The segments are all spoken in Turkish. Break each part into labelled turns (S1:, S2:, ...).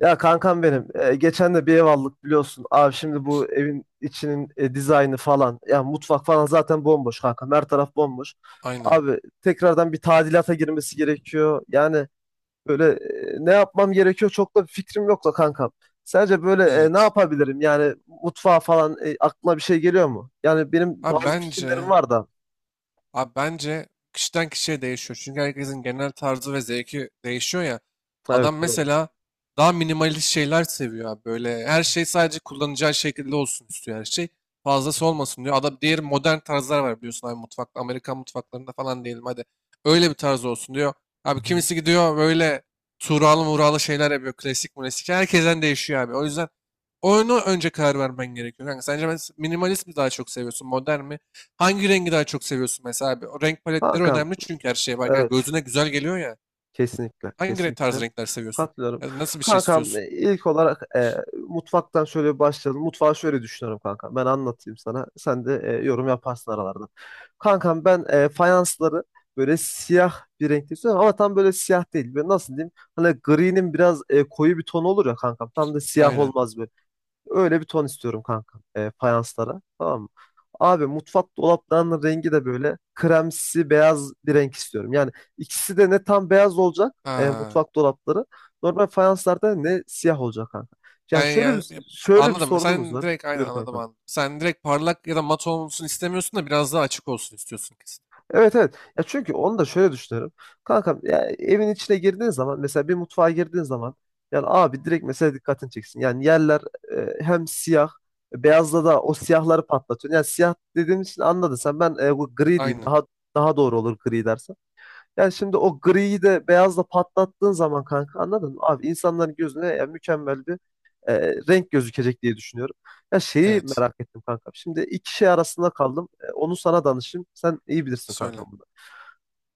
S1: Ya kankam benim geçen de bir ev aldık biliyorsun. Abi şimdi bu evin içinin dizaynı falan. Ya mutfak falan zaten bomboş kankam. Her taraf bomboş.
S2: Aynen.
S1: Abi tekrardan bir tadilata girmesi gerekiyor. Yani böyle ne yapmam gerekiyor çok da bir fikrim yok da kankam. Sence böyle ne
S2: Evet.
S1: yapabilirim? Yani mutfağa falan aklına bir şey geliyor mu? Yani benim
S2: Abi
S1: bazı fikirlerim
S2: bence
S1: var da.
S2: Abi bence kişiden kişiye değişiyor. Çünkü herkesin genel tarzı ve zevki değişiyor ya. Adam
S1: Evet, doğru.
S2: mesela daha minimalist şeyler seviyor abi. Böyle her şey sadece kullanacağı şekilde olsun istiyor her şey.
S1: Hı
S2: Fazlası
S1: hı.
S2: olmasın diyor. Adam diğer modern tarzlar var biliyorsun abi mutfakta. Amerikan mutfaklarında falan diyelim hadi. Öyle bir tarz olsun diyor.
S1: Hı
S2: Abi
S1: hı.
S2: kimisi gidiyor böyle tuğralı muğralı şeyler yapıyor. Klasik klasik. Herkesten değişiyor abi. O yüzden oyunu önce karar vermen gerekiyor. Kanka sence minimalist mi daha çok seviyorsun? Modern mi? Hangi rengi daha çok seviyorsun mesela abi? O renk paletleri
S1: Kankam,
S2: önemli çünkü her şeye bak. Yani
S1: evet.
S2: gözüne güzel geliyor ya.
S1: Kesinlikle,
S2: Hangi renk, tarz
S1: kesinlikle.
S2: renkler seviyorsun?
S1: Katılıyorum.
S2: Ya da nasıl bir şey
S1: Kankam,
S2: istiyorsun?
S1: ilk olarak, mutfaktan şöyle bir başlayalım. Mutfağı şöyle düşünüyorum kankam. Ben anlatayım sana. Sen de yorum yaparsın aralarda. Kankam ben fayansları böyle siyah bir renkte istiyorum ama tam böyle siyah değil. Böyle nasıl diyeyim? Hani gri'nin biraz koyu bir tonu olur ya kankam. Tam da siyah
S2: Aynen.
S1: olmaz böyle. Öyle bir ton istiyorum kanka. Fayanslara. Tamam mı? Abi mutfak dolaplarının rengi de böyle kremsi beyaz bir renk istiyorum. Yani ikisi de ne tam beyaz olacak
S2: Ha.
S1: mutfak dolapları. Normal fayanslarda ne siyah olacak kanka. Yani
S2: Yani
S1: şöyle
S2: ya,
S1: bir
S2: ya-
S1: şöyle bir
S2: Anladım.
S1: sorunumuz
S2: Sen
S1: var.
S2: direkt aynen
S1: Buyur
S2: anladım
S1: kanka.
S2: anladım. Sen direkt parlak ya da mat olsun istemiyorsun da biraz daha açık olsun istiyorsun kesin.
S1: Evet, evet. Ya çünkü onu da şöyle düşünüyorum. Kankam, ya evin içine girdiğin zaman, mesela bir mutfağa girdiğin zaman, yani abi direkt mesela dikkatini çeksin. Yani yerler hem siyah beyazla da o siyahları patlatıyor. Yani siyah dediğim için anladın sen, ben bu gri diyeyim,
S2: Aynen.
S1: daha doğru olur gri dersen. Yani şimdi o griyi de beyazla patlattığın zaman kanka, anladın mı? Abi insanların gözüne ya mükemmel bir e, renk gözükecek diye düşünüyorum. Ya şeyi
S2: Evet.
S1: merak ettim kankam. Şimdi iki şey arasında kaldım. Onu sana danışayım. Sen iyi bilirsin
S2: Söyle.
S1: kankam.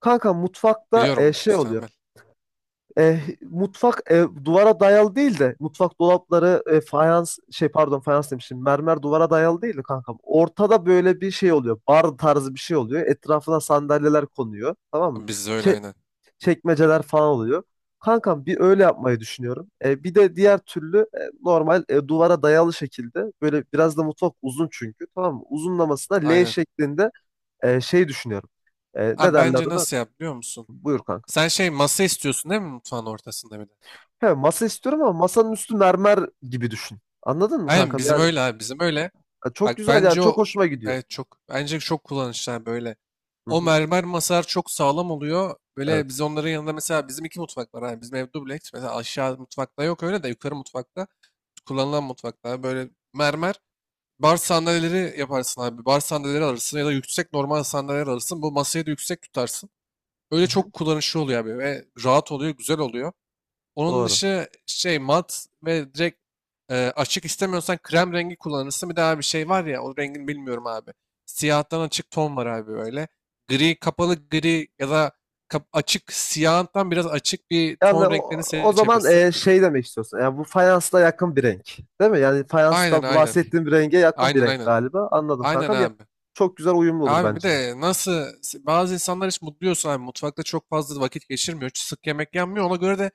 S1: Kanka mutfakta
S2: Biliyorum onu.
S1: şey oluyor.
S2: Müstakbel.
S1: Mutfak duvara dayalı değil de mutfak dolapları fayans şey, pardon, fayans demişim, mermer duvara dayalı değil de kankam. Ortada böyle bir şey oluyor. Bar tarzı bir şey oluyor. Etrafına sandalyeler konuyor. Tamam mı?
S2: Biz de öyle
S1: Çe-
S2: aynen.
S1: Çekmeceler falan oluyor. Kankam bir öyle yapmayı düşünüyorum. Bir de diğer türlü normal, duvara dayalı şekilde, böyle biraz da mutfak uzun çünkü, tamam mı? Uzunlamasına L
S2: Aynen.
S1: şeklinde şey düşünüyorum. Ne
S2: Abi
S1: derler
S2: bence
S1: ona?
S2: nasıl yap biliyor musun?
S1: Buyur kanka.
S2: Sen şey masa istiyorsun değil mi mutfağın ortasında bir de?
S1: He, masa istiyorum ama masanın üstü mermer gibi düşün. Anladın mı
S2: Aynen
S1: kankam?
S2: bizim
S1: Yani
S2: öyle abi bizim öyle.
S1: ya çok
S2: Bak
S1: güzel yani,
S2: bence
S1: çok
S2: o
S1: hoşuma gidiyor.
S2: evet çok bence çok kullanışlı böyle.
S1: Hı
S2: O
S1: hı.
S2: mermer masalar çok sağlam oluyor. Böyle
S1: Evet.
S2: biz onların yanında mesela bizim iki mutfak var. Yani bizim ev dubleks. Mesela aşağı mutfakta yok öyle de yukarı mutfakta kullanılan mutfakta böyle mermer bar sandalyeleri yaparsın abi. Bar sandalyeleri alırsın ya da yüksek normal sandalyeler alırsın. Bu masayı da yüksek tutarsın. Öyle
S1: Hı hı.
S2: çok kullanışlı oluyor abi ve rahat oluyor, güzel oluyor. Onun
S1: Doğru.
S2: dışı şey mat ve direkt açık istemiyorsan krem rengi kullanırsın. Bir daha bir şey var ya o rengini bilmiyorum abi. Siyahtan açık ton var abi böyle. Gri kapalı gri ya da açık siyahtan biraz açık bir
S1: Yani
S2: ton
S1: o,
S2: renklerini
S1: o zaman
S2: seçebilirsin.
S1: şey demek istiyorsun. Yani bu fayansla yakın bir renk. Değil mi? Yani
S2: Aynen
S1: fayansla
S2: aynen.
S1: bahsettiğim bir renge yakın bir
S2: Aynen
S1: renk
S2: aynen.
S1: galiba. Anladım
S2: Aynen
S1: kankam. Ya
S2: abi.
S1: çok güzel uyumlu olur
S2: Abi bir
S1: bence de.
S2: de nasıl bazı insanlar hiç mutlu abi mutfakta çok fazla vakit geçirmiyor. Sık yemek yenmiyor. Ona göre de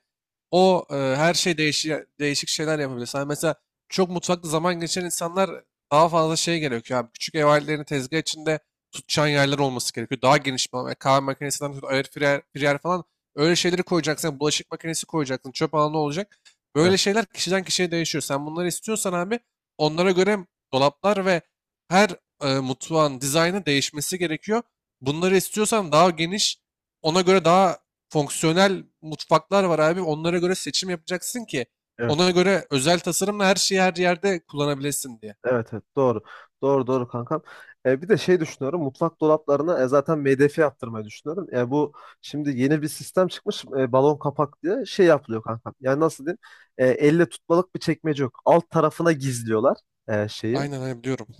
S2: o her şey değişik, değişik şeyler yapabilir. Sen mesela çok mutfakta zaman geçiren insanlar daha fazla şey gerekiyor abi. Küçük ev aletlerini tezgah içinde tutacağın yerler olması gerekiyor. Daha geniş bir alan. Yani kahve makinesinden tut, air fryer, fryer falan öyle şeyleri koyacaksın. Yani bulaşık makinesi koyacaksın. Çöp alanı olacak.
S1: Evet,
S2: Böyle şeyler kişiden kişiye değişiyor. Sen bunları istiyorsan abi onlara göre dolaplar ve her mutfağın dizaynı değişmesi gerekiyor. Bunları istiyorsan daha geniş, ona göre daha fonksiyonel mutfaklar var abi. Onlara göre seçim yapacaksın ki ona
S1: evet.
S2: göre özel tasarımla her şeyi her yerde kullanabilesin diye.
S1: Evet, evet. Doğru. Doğru, doğru kankam. Bir de şey düşünüyorum. Mutfak dolaplarına zaten MDF yaptırmayı düşünüyorum. Bu şimdi yeni bir sistem çıkmış. Balon kapak diye şey yapılıyor kankam. Yani nasıl diyeyim? Elle tutmalık bir çekmece yok. Alt tarafına gizliyorlar şeyi.
S2: Aynen aynen biliyorum.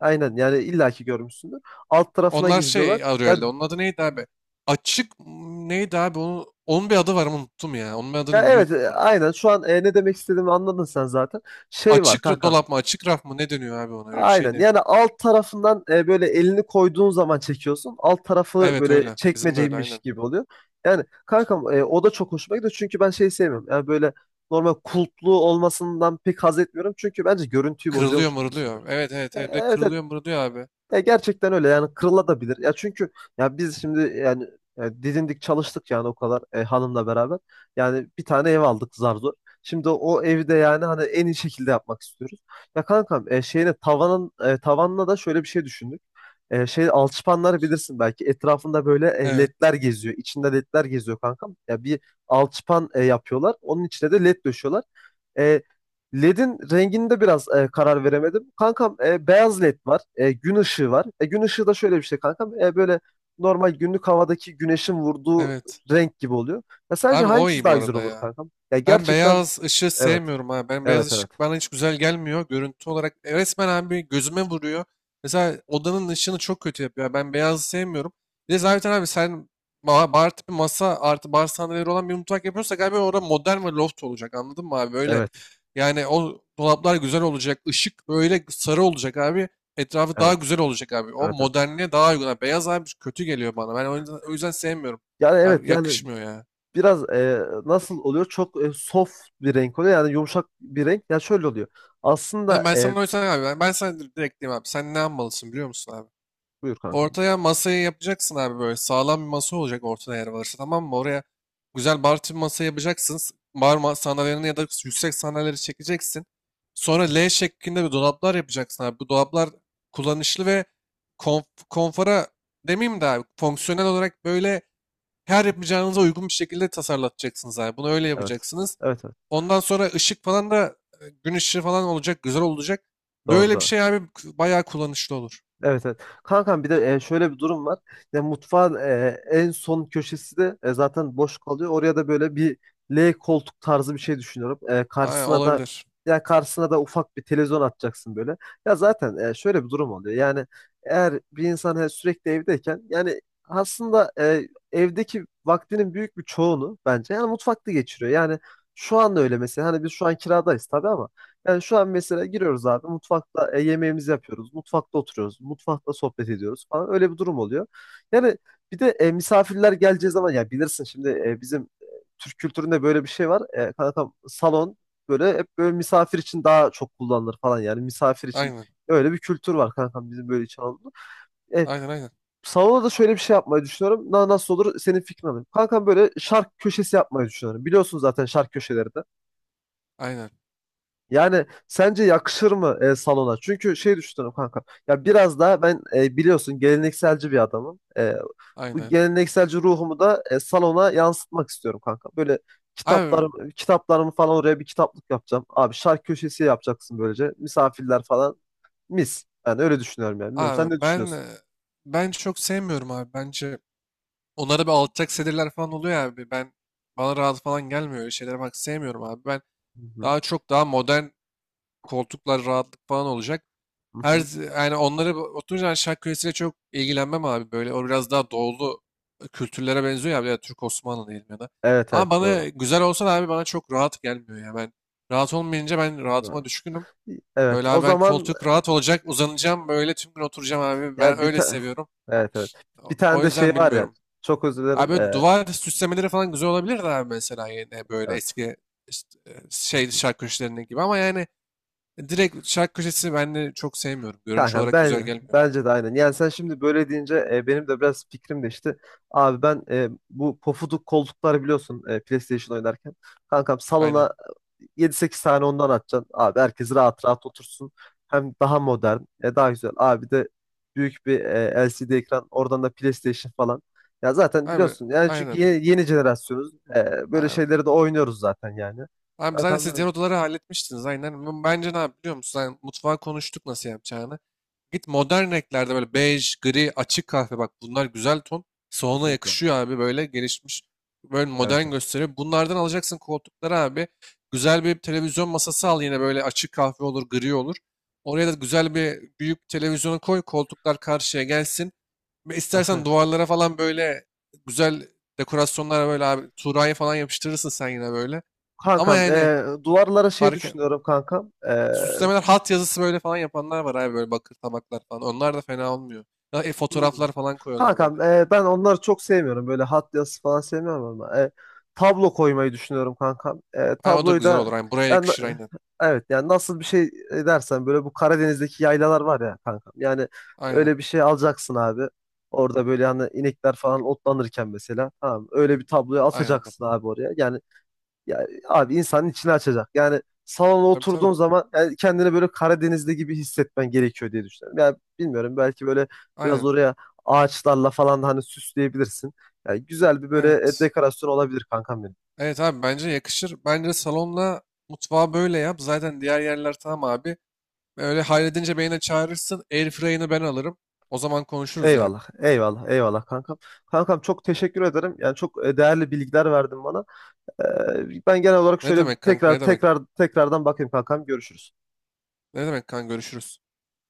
S1: Aynen, yani illaki görmüşsündür. Alt tarafına
S2: Onlar
S1: gizliyorlar.
S2: şey arıyor
S1: Ya,
S2: herhalde. Onun adı neydi abi? Açık m, neydi abi? Onun bir adı var ama unuttum ya. Onun bir
S1: ya,
S2: adını
S1: evet,
S2: biliyordum bu arada ya.
S1: aynen şu an ne demek istediğimi anladın sen zaten. Şey var
S2: Açık
S1: kankam.
S2: dolap mı? Açık raf mı? Ne dönüyor abi ona? Öyle bir şey
S1: Aynen.
S2: deniyor.
S1: Yani alt tarafından böyle elini koyduğun zaman çekiyorsun. Alt tarafı
S2: Evet
S1: böyle
S2: öyle. Bizim de öyle
S1: çekmeceymiş
S2: aynen.
S1: gibi oluyor. Yani kankam, o da çok hoşuma gidiyor. Çünkü ben şey sevmiyorum. Yani böyle normal kulplu olmasından pek haz etmiyorum. Çünkü bence görüntüyü
S2: Kırılıyor
S1: bozuyormuş gibi
S2: mırılıyor.
S1: hissediyorum.
S2: Evet evet evet. Bir de
S1: Evet, evet.
S2: kırılıyor mırılıyor abi.
S1: Ya gerçekten öyle, yani kırılabilir. Ya çünkü ya biz şimdi yani, didindik çalıştık yani o kadar, hanımla beraber. Yani bir tane ev aldık zar zor. Şimdi o evi de yani hani en iyi şekilde yapmak istiyoruz. Ya kankam, şeyine tavanın, tavanına da şöyle bir şey düşündük. Şey, alçıpanları bilirsin belki, etrafında böyle
S2: Evet.
S1: ledler geziyor. İçinde ledler geziyor kankam. Ya bir alçıpan yapıyorlar. Onun içine de led döşüyorlar. E, LED'in renginde biraz karar veremedim. Kankam, beyaz LED var. Gün ışığı var. Gün ışığı da şöyle bir şey kankam. Böyle normal günlük havadaki güneşin vurduğu
S2: Evet.
S1: renk gibi oluyor. Ya sence
S2: Abi o
S1: hangisi
S2: iyi bu
S1: daha güzel
S2: arada
S1: olur
S2: ya.
S1: kankam? Ya
S2: Ben
S1: gerçekten
S2: beyaz ışığı
S1: evet.
S2: sevmiyorum abi. Ben beyaz
S1: Evet, evet.
S2: ışık bana hiç güzel gelmiyor. Görüntü olarak resmen abi gözüme vuruyor. Mesela odanın ışığını çok kötü yapıyor. Ben beyazı sevmiyorum. Bir de zaten abi sen bar tipi masa artı bar sandalyeleri olan bir mutfak yapıyorsak abi orada modern ve loft olacak anladın mı abi? Böyle
S1: Evet.
S2: yani o dolaplar güzel olacak. Işık böyle sarı olacak abi. Etrafı daha
S1: Evet.
S2: güzel olacak abi. O
S1: Evet, evet.
S2: modernliğe daha uygun abi. Beyaz abi kötü geliyor bana. Ben o yüzden sevmiyorum.
S1: Yani evet
S2: Abi
S1: yani
S2: yakışmıyor ya.
S1: biraz, nasıl oluyor? Çok soft bir renk oluyor. Yani yumuşak bir renk. Ya şöyle oluyor. Aslında
S2: Ben sana o yüzden abi ben sana direkt diyeyim abi sen ne yapmalısın biliyor musun abi?
S1: buyur kankam.
S2: Ortaya masayı yapacaksın abi böyle sağlam bir masa olacak ortada yer varsa tamam mı? Oraya güzel bar tipi masa yapacaksın. Bar sandalyelerini ya da yüksek sandalyeleri çekeceksin. Sonra
S1: Hı hı.
S2: L şeklinde bir dolaplar yapacaksın abi. Bu dolaplar kullanışlı ve konf konfora demeyeyim de abi fonksiyonel olarak böyle her yapacağınıza uygun bir şekilde tasarlatacaksınız abi. Bunu öyle
S1: Evet.
S2: yapacaksınız.
S1: Evet, evet.
S2: Ondan sonra ışık falan da gün ışığı falan olacak. Güzel olacak.
S1: Doğru,
S2: Böyle bir
S1: doğru.
S2: şey abi bayağı kullanışlı olur.
S1: Evet, evet. Kankam bir de şöyle bir durum var. Ya mutfağın en son köşesi de zaten boş kalıyor. Oraya da böyle bir L koltuk tarzı bir şey düşünüyorum.
S2: Aynen,
S1: Karşısına da
S2: olabilir.
S1: ya karşısına da ufak bir televizyon atacaksın böyle. Ya zaten şöyle bir durum oluyor. Yani eğer bir insan sürekli evdeyken yani aslında evdeki vaktinin büyük bir çoğunu bence yani mutfakta geçiriyor. Yani şu anda öyle mesela, hani biz şu an kiradayız tabii ama yani şu an mesela giriyoruz abi, mutfakta yemeğimizi yapıyoruz. Mutfakta oturuyoruz. Mutfakta sohbet ediyoruz falan. Öyle bir durum oluyor. Yani bir de misafirler geleceği zaman ya bilirsin şimdi bizim Türk kültüründe böyle bir şey var. Kankam salon böyle hep böyle misafir için daha çok kullanılır falan. Yani misafir için
S2: Aynen.
S1: öyle bir kültür var kankam bizim böyle için Anadolu'da. E,
S2: Aynen aynen.
S1: Salona da şöyle bir şey yapmayı düşünüyorum. Nasıl olur, senin fikrin alayım. Kankam böyle şark köşesi yapmayı düşünüyorum. Biliyorsun zaten şark köşeleri de.
S2: Aynen.
S1: Yani sence yakışır mı salona? Çünkü şey düşünüyorum kanka. Ya biraz daha ben biliyorsun gelenekselci bir adamım. Bu
S2: Aynen.
S1: gelenekselci ruhumu da salona yansıtmak istiyorum kanka. Böyle
S2: Abi,
S1: kitaplarımı falan oraya bir kitaplık yapacağım. Abi şarkı köşesi yapacaksın böylece. Misafirler falan mis. Ben öyle düşünüyorum yani. Bilmiyorum, sen
S2: abi
S1: ne
S2: ben e,
S1: düşünüyorsun?
S2: ben çok sevmiyorum abi. Bence onlara bir alçak sedirler falan oluyor abi. Ben bana rahat falan gelmiyor. Öyle şeylere bak sevmiyorum abi. Ben
S1: Hı hı,
S2: daha çok daha modern koltuklar rahatlık falan olacak.
S1: hı
S2: Her
S1: hı.
S2: yani onları oturunca ben şark kölesiyle çok ilgilenmem abi. Böyle o biraz daha doğulu kültürlere benziyor ya. Bir de Türk Osmanlı diyelim ya da.
S1: Evet, evet,
S2: Ama bana
S1: doğru.
S2: güzel olsa da abi bana çok rahat gelmiyor ya. Ben rahat olmayınca ben
S1: Doğru.
S2: rahatıma düşkünüm.
S1: Evet,
S2: Böyle
S1: o
S2: abi ben
S1: zaman
S2: koltuk rahat olacak uzanacağım böyle tüm gün oturacağım abi. Ben
S1: ya
S2: öyle seviyorum.
S1: evet, evet.
S2: O
S1: Bir tane
S2: o
S1: de
S2: yüzden
S1: şey var ya.
S2: bilmiyorum.
S1: Çok özür
S2: Abi
S1: dilerim.
S2: böyle duvar süslemeleri falan güzel olabilir de abi mesela yine böyle
S1: Evet.
S2: eski işte, şark köşelerinin gibi. Ama yani direkt şark köşesi ben de çok sevmiyorum. Görünüş
S1: Kanka,
S2: olarak güzel
S1: ben
S2: gelmiyor.
S1: bence de aynen. Yani sen şimdi böyle deyince benim de biraz fikrim değişti. Abi ben, bu pofuduk koltuklar biliyorsun, PlayStation oynarken. Kankam
S2: Aynen.
S1: salona yedi sekiz tane ondan atacaksın. Abi herkes rahat rahat otursun. Hem daha modern, daha güzel. Abi de büyük bir LCD ekran. Oradan da PlayStation falan. Ya zaten
S2: Abi
S1: biliyorsun yani, çünkü
S2: aynen
S1: yeni jenerasyonuz. Böyle
S2: abi.
S1: şeyleri de oynuyoruz zaten yani.
S2: Abi zaten
S1: Kankam
S2: siz diğer
S1: ben
S2: odaları halletmiştiniz aynen. Bence ne yap biliyor musun? Yani mutfağı konuştuk nasıl yapacağını. Git modern renklerde böyle bej, gri, açık kahve bak bunlar güzel ton. Salona
S1: kesinlikle.
S2: yakışıyor abi böyle gelişmiş. Böyle
S1: Evet,
S2: modern
S1: evet.
S2: gösteriyor. Bunlardan alacaksın koltukları abi. Güzel bir televizyon masası al yine böyle açık kahve olur, gri olur. Oraya da güzel bir büyük televizyonu koy. Koltuklar karşıya gelsin. Ve İstersen duvarlara falan böyle güzel dekorasyonlara böyle abi Tuğra'yı falan yapıştırırsın sen yine böyle. Ama
S1: Kankam,
S2: yani
S1: duvarlara şey
S2: fark e-
S1: düşünüyorum kankam.
S2: süslemeler hat yazısı böyle falan yapanlar var abi böyle bakır tabaklar falan. Onlar da fena olmuyor. Ya,
S1: Hmm.
S2: fotoğraflar falan koyuyorlar böyle.
S1: Kankam, ben onları çok sevmiyorum. Böyle hat yazısı falan sevmiyorum ama. Tablo koymayı düşünüyorum kankam.
S2: Ay o da
S1: Tabloyu
S2: güzel
S1: da
S2: olur. Aynen. Buraya
S1: yani,
S2: yakışır aynen.
S1: evet yani nasıl bir şey dersen, böyle bu Karadeniz'deki yaylalar var ya kankam. Yani
S2: Aynen.
S1: öyle bir şey alacaksın abi. Orada böyle hani inekler falan otlanırken mesela. Tamam, öyle bir tabloyu
S2: Aynen, anladım.
S1: asacaksın abi oraya. Yani ya abi insanın içini açacak. Yani salona
S2: Tabii tabii.
S1: oturduğun zaman yani kendini böyle Karadeniz'de gibi hissetmen gerekiyor diye düşünüyorum. Yani bilmiyorum belki böyle biraz
S2: Aynen.
S1: oraya ağaçlarla falan da hani süsleyebilirsin. Yani güzel bir böyle
S2: Evet.
S1: dekorasyon olabilir kankam benim.
S2: Evet abi bence yakışır. Bence salonla mutfağı böyle yap. Zaten diğer yerler tamam abi. Öyle halledince beni de çağırırsın. Airfryer'ını ben alırım. O zaman konuşuruz yani.
S1: Eyvallah, eyvallah, eyvallah kankam. Kankam çok teşekkür ederim. Yani çok değerli bilgiler verdin bana. Ben genel olarak
S2: Ne
S1: şöyle
S2: demek kanka ne
S1: tekrar
S2: demek?
S1: tekrar tekrardan bakayım kankam. Görüşürüz.
S2: Ne demek kanka görüşürüz.